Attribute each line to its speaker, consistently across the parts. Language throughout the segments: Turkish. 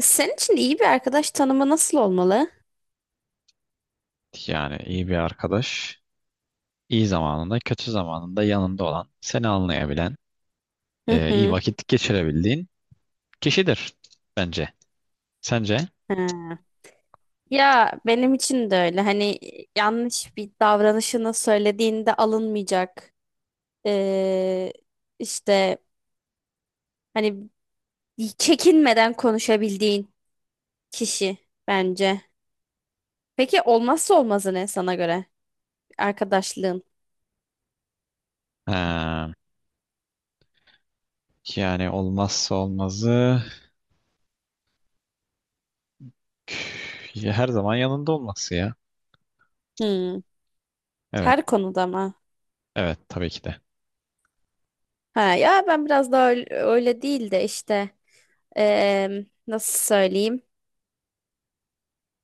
Speaker 1: Senin için iyi bir arkadaş tanımı nasıl olmalı?
Speaker 2: Yani iyi bir arkadaş, iyi zamanında, kötü zamanında yanında olan, seni anlayabilen,
Speaker 1: Hı
Speaker 2: iyi
Speaker 1: hı.
Speaker 2: vakit geçirebildiğin kişidir bence. Sence?
Speaker 1: Ha. Ya benim için de öyle. Hani yanlış bir davranışını söylediğinde alınmayacak. Ee, işte hani çekinmeden konuşabildiğin kişi bence. Peki olmazsa olmazı ne sana göre? Arkadaşlığın.
Speaker 2: Ha, yani olmazsa olmazı ya her zaman yanında olması ya.
Speaker 1: Hmm.
Speaker 2: Evet,
Speaker 1: Her konuda mı?
Speaker 2: evet tabii ki de.
Speaker 1: Ha, ya ben biraz daha öyle değil de işte nasıl söyleyeyim?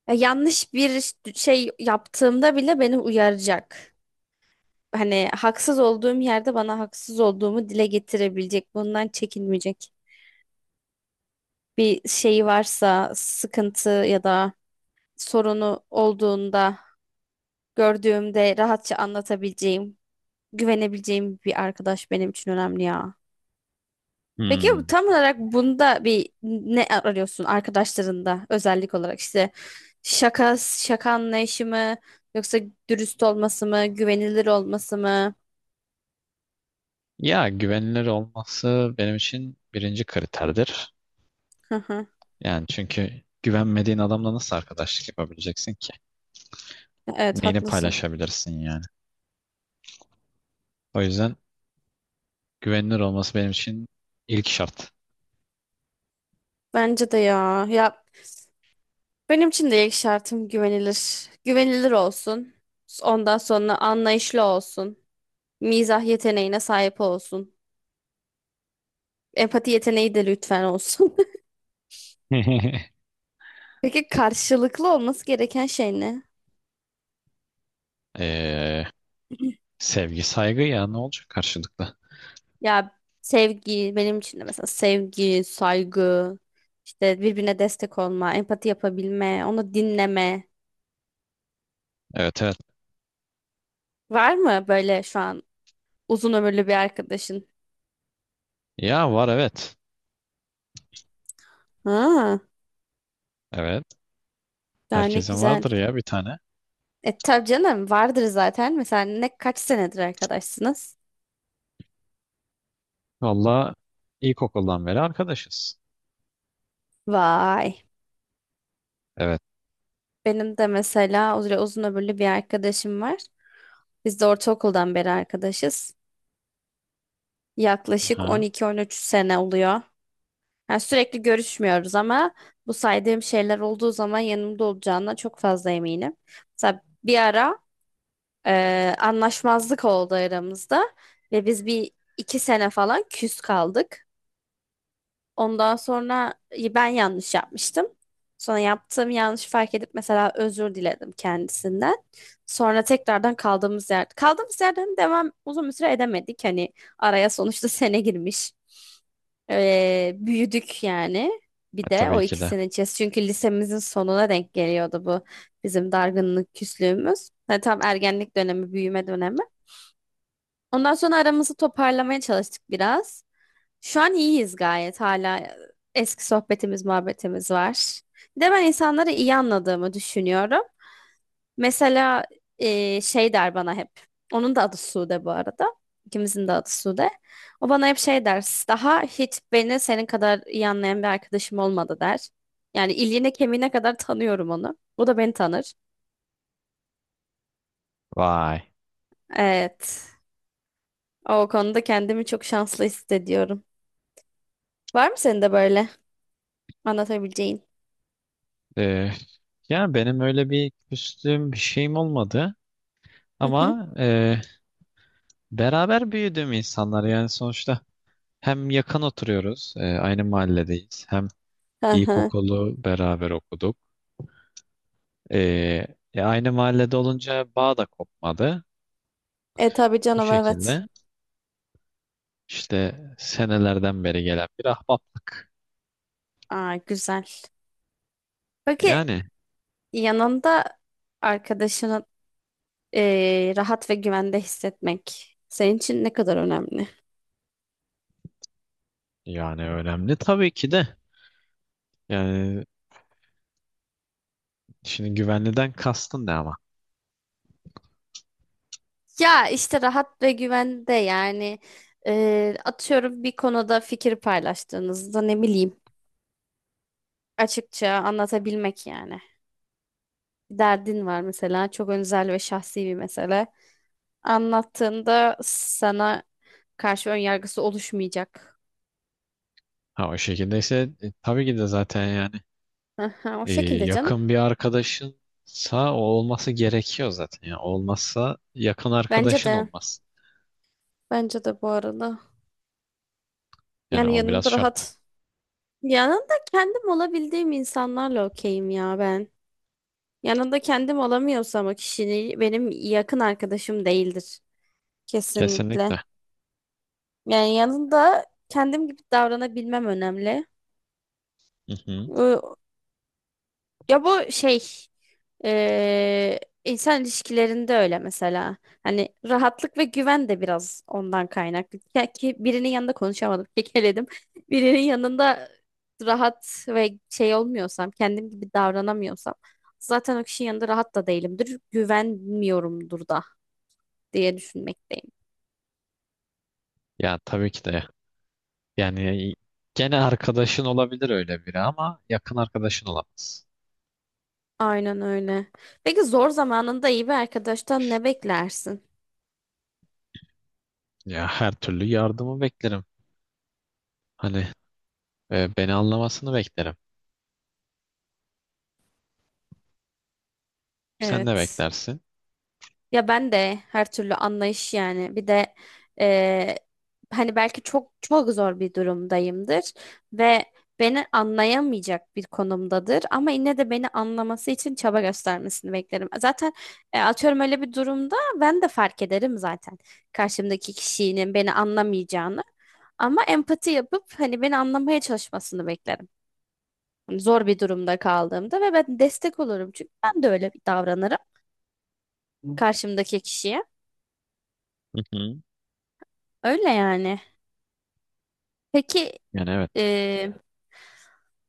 Speaker 1: Ya yanlış bir şey yaptığımda bile beni uyaracak. Hani haksız olduğum yerde bana haksız olduğumu dile getirebilecek. Bundan çekinmeyecek. Bir şeyi varsa, sıkıntı ya da sorunu olduğunda gördüğümde rahatça anlatabileceğim, güvenebileceğim bir arkadaş benim için önemli ya. Peki
Speaker 2: Hmm.
Speaker 1: tam olarak bunda bir ne arıyorsun arkadaşlarında özellik olarak işte şaka şaka anlayışı mı yoksa dürüst olması mı güvenilir olması mı?
Speaker 2: Ya güvenilir olması benim için birinci kriterdir.
Speaker 1: Hı hı.
Speaker 2: Yani çünkü güvenmediğin adamla nasıl arkadaşlık yapabileceksin ki?
Speaker 1: Evet
Speaker 2: Neyini
Speaker 1: haklısın.
Speaker 2: paylaşabilirsin yani? O yüzden güvenilir olması benim için ilk şart.
Speaker 1: Bence de ya. Ya benim için de ilk şartım güvenilir. Güvenilir olsun. Ondan sonra anlayışlı olsun. Mizah yeteneğine sahip olsun. Empati yeteneği de lütfen olsun. Peki karşılıklı olması gereken şey ne?
Speaker 2: Ee, Sevgi, saygı ya ne olacak karşılıklı?
Speaker 1: Ya sevgi benim için de mesela sevgi, saygı, işte birbirine destek olma, empati yapabilme, onu dinleme.
Speaker 2: Evet evet.
Speaker 1: Var mı böyle şu an uzun ömürlü bir arkadaşın?
Speaker 2: Ya var evet.
Speaker 1: Ha,
Speaker 2: Evet.
Speaker 1: daha ne
Speaker 2: Herkesin
Speaker 1: güzel.
Speaker 2: vardır ya bir tane.
Speaker 1: E tabii canım vardır zaten. Mesela ne kaç senedir arkadaşsınız?
Speaker 2: Valla ilkokuldan beri arkadaşız.
Speaker 1: Vay.
Speaker 2: Evet.
Speaker 1: Benim de mesela öyle uzun ömürlü bir arkadaşım var. Biz de ortaokuldan beri arkadaşız. Yaklaşık
Speaker 2: Aha.
Speaker 1: 12-13 sene oluyor. Yani sürekli görüşmüyoruz ama bu saydığım şeyler olduğu zaman yanımda olacağına çok fazla eminim. Mesela bir ara anlaşmazlık oldu aramızda ve biz bir iki sene falan küs kaldık. Ondan sonra ben yanlış yapmıştım. Sonra yaptığım yanlışı fark edip mesela özür diledim kendisinden. Sonra tekrardan kaldığımız yer, kaldığımız yerden devam uzun bir süre edemedik. Hani araya sonuçta sene girmiş. Büyüdük yani.
Speaker 2: E,
Speaker 1: Bir de
Speaker 2: tabii
Speaker 1: o
Speaker 2: ki de.
Speaker 1: ikisinin içerisinde. Çünkü lisemizin sonuna denk geliyordu bu bizim dargınlık küslüğümüz. Hani tam ergenlik dönemi, büyüme dönemi. Ondan sonra aramızı toparlamaya çalıştık biraz. Şu an iyiyiz gayet hala. Eski sohbetimiz, muhabbetimiz var. Bir de ben insanları iyi anladığımı düşünüyorum. Mesela şey der bana hep. Onun da adı Sude bu arada. İkimizin de adı Sude. O bana hep şey der. Daha hiç beni senin kadar iyi anlayan bir arkadaşım olmadı der. Yani iliğine kemiğine kadar tanıyorum onu. O da beni tanır.
Speaker 2: Vay.
Speaker 1: Evet. O konuda kendimi çok şanslı hissediyorum. Var mı senin de böyle anlatabileceğin?
Speaker 2: Ee, Yani benim öyle bir küstüğüm bir şeyim olmadı. Ama beraber büyüdüğüm insanlar yani sonuçta hem yakın oturuyoruz, aynı mahalledeyiz. Hem
Speaker 1: Hı hı.
Speaker 2: ilkokulu beraber okuduk. Ee, Aynı mahallede olunca bağ da kopmadı.
Speaker 1: E tabii
Speaker 2: Bu
Speaker 1: canım evet.
Speaker 2: şekilde işte senelerden beri gelen bir ahbaplık.
Speaker 1: Aa, güzel. Peki
Speaker 2: Yani
Speaker 1: yanında arkadaşını rahat ve güvende hissetmek senin için ne kadar önemli?
Speaker 2: yani önemli tabii ki de. Yani şimdi güvenliden kastın ne ama?
Speaker 1: Ya işte rahat ve güvende yani atıyorum bir konuda fikir paylaştığınızda ne bileyim açıkça anlatabilmek yani. Bir derdin var mesela çok özel ve şahsi bir mesele. Anlattığında sana karşı ön yargısı oluşmayacak.
Speaker 2: Ha o şekildeyse tabii ki de zaten yani
Speaker 1: Aha, o şekilde canım.
Speaker 2: yakın bir arkadaşınsa o olması gerekiyor zaten. Yani olmazsa yakın
Speaker 1: Bence
Speaker 2: arkadaşın
Speaker 1: de.
Speaker 2: olmaz.
Speaker 1: Bence de bu arada.
Speaker 2: Yani
Speaker 1: Yani
Speaker 2: o biraz
Speaker 1: yanında
Speaker 2: şart.
Speaker 1: rahat. Yanında kendim olabildiğim insanlarla okeyim ya ben. Yanında kendim olamıyorsam o kişinin benim yakın arkadaşım değildir. Kesinlikle.
Speaker 2: Kesinlikle.
Speaker 1: Yani yanında kendim gibi davranabilmem önemli.
Speaker 2: Hı hı.
Speaker 1: Ya bu şey eee, insan ilişkilerinde öyle mesela. Hani rahatlık ve güven de biraz ondan kaynaklı. Ya ki birinin yanında konuşamadım, kekeledim. Birinin yanında rahat ve şey olmuyorsam, kendim gibi davranamıyorsam zaten o kişinin yanında rahat da değilimdir. Güvenmiyorumdur da diye düşünmekteyim.
Speaker 2: Ya tabii ki de. Yani gene arkadaşın olabilir öyle biri ama yakın arkadaşın olamaz.
Speaker 1: Aynen öyle. Peki zor zamanında iyi bir arkadaştan ne beklersin?
Speaker 2: Ya her türlü yardımı beklerim. Hani beni anlamasını beklerim. Sen ne
Speaker 1: Evet.
Speaker 2: beklersin?
Speaker 1: Ya ben de her türlü anlayış yani. Bir de eee, hani belki çok çok zor bir durumdayımdır ve beni anlayamayacak bir konumdadır ama yine de beni anlaması için çaba göstermesini beklerim. Zaten atıyorum öyle bir durumda ben de fark ederim zaten karşımdaki kişinin beni anlamayacağını ama empati yapıp hani beni anlamaya çalışmasını beklerim. Hani zor bir durumda kaldığımda ve ben destek olurum çünkü ben de öyle davranırım karşımdaki kişiye.
Speaker 2: Hı hı.
Speaker 1: Öyle yani. Peki
Speaker 2: Yani evet.
Speaker 1: e,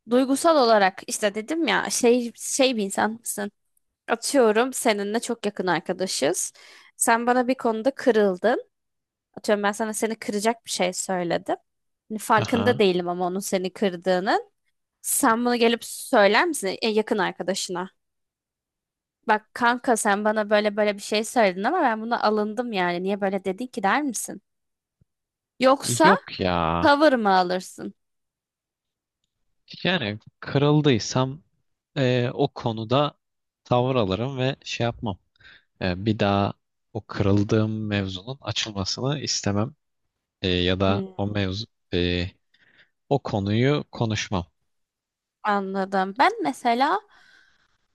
Speaker 1: duygusal olarak işte dedim ya şey bir insan mısın? Atıyorum seninle çok yakın arkadaşız. Sen bana bir konuda kırıldın. Atıyorum ben sana seni kıracak bir şey söyledim. Hani farkında
Speaker 2: Aha.
Speaker 1: değilim ama onun seni kırdığının. Sen bunu gelip söyler misin yakın arkadaşına? Bak kanka sen bana böyle böyle bir şey söyledin ama ben buna alındım yani. Niye böyle dedin ki der misin? Yoksa
Speaker 2: Yok ya.
Speaker 1: tavır mı alırsın?
Speaker 2: Yani kırıldıysam o konuda tavır alırım ve şey yapmam. Bir daha o kırıldığım mevzunun açılmasını istemem. Ya da
Speaker 1: Hmm.
Speaker 2: o mevzu e, o konuyu konuşmam.
Speaker 1: Anladım. Ben mesela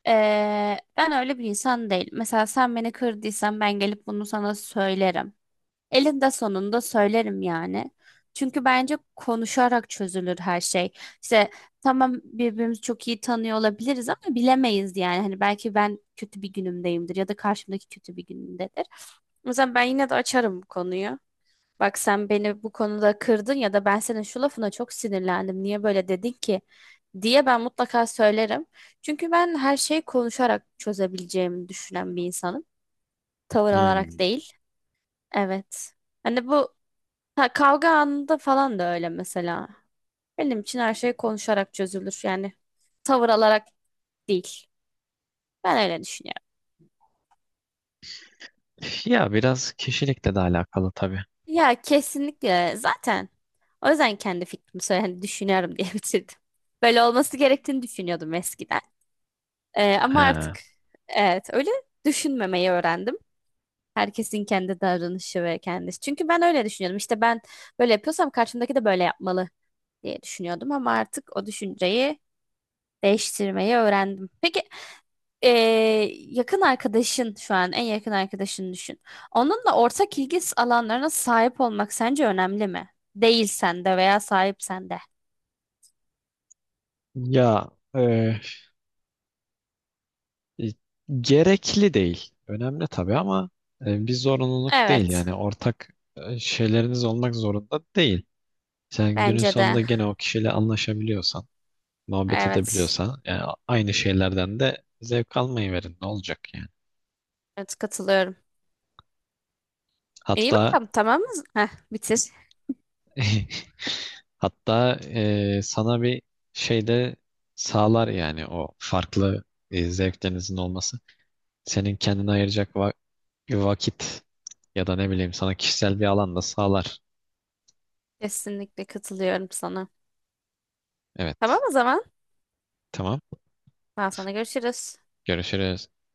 Speaker 1: Ee, Ben öyle bir insan değil. Mesela sen beni kırdıysan ben gelip bunu sana söylerim. Elinde sonunda söylerim yani. Çünkü bence konuşarak çözülür her şey. İşte tamam birbirimizi çok iyi tanıyor olabiliriz ama bilemeyiz yani. Hani belki ben kötü bir günümdeyimdir ya da karşımdaki kötü bir günündedir. O yüzden ben yine de açarım bu konuyu. Bak sen beni bu konuda kırdın ya da ben senin şu lafına çok sinirlendim. Niye böyle dedin ki? Diye ben mutlaka söylerim. Çünkü ben her şeyi konuşarak çözebileceğimi düşünen bir insanım. Tavır alarak
Speaker 2: Hmm.
Speaker 1: değil. Evet. Hani bu ha, kavga anında falan da öyle mesela. Benim için her şey konuşarak çözülür. Yani tavır alarak değil. Ben öyle düşünüyorum.
Speaker 2: Ya biraz kişilikle de alakalı tabii.
Speaker 1: Ya kesinlikle zaten. O yüzden kendi fikrimi söyle, hani düşünüyorum diye bitirdim. Böyle olması gerektiğini düşünüyordum eskiden. Ama
Speaker 2: He.
Speaker 1: artık evet öyle düşünmemeyi öğrendim. Herkesin kendi davranışı ve kendisi. Çünkü ben öyle düşünüyordum. İşte ben böyle yapıyorsam karşımdaki de böyle yapmalı diye düşünüyordum ama artık o düşünceyi değiştirmeyi öğrendim. Peki ee, yakın arkadaşın şu an en yakın arkadaşını düşün. Onunla ortak ilgi alanlarına sahip olmak sence önemli mi? Değilsen de veya sahipsen de.
Speaker 2: Ya e, gerekli değil. Önemli tabii ama bir zorunluluk değil
Speaker 1: Evet,
Speaker 2: yani ortak şeyleriniz olmak zorunda değil. Sen günün
Speaker 1: bence de.
Speaker 2: sonunda gene o kişiyle anlaşabiliyorsan, muhabbet
Speaker 1: Evet,
Speaker 2: edebiliyorsan yani aynı şeylerden de zevk almayı verin ne olacak yani.
Speaker 1: evet katılıyorum. İyi
Speaker 2: Hatta
Speaker 1: bakalım tamam mı? Heh, bitir.
Speaker 2: Hatta sana bir şey de sağlar yani o farklı zevklerinizin olması. Senin kendine ayıracak vakit ya da ne bileyim sana kişisel bir alan da sağlar.
Speaker 1: Kesinlikle katılıyorum sana. Tamam
Speaker 2: Evet.
Speaker 1: o zaman.
Speaker 2: Tamam.
Speaker 1: Ben sana görüşürüz.
Speaker 2: Görüşürüz.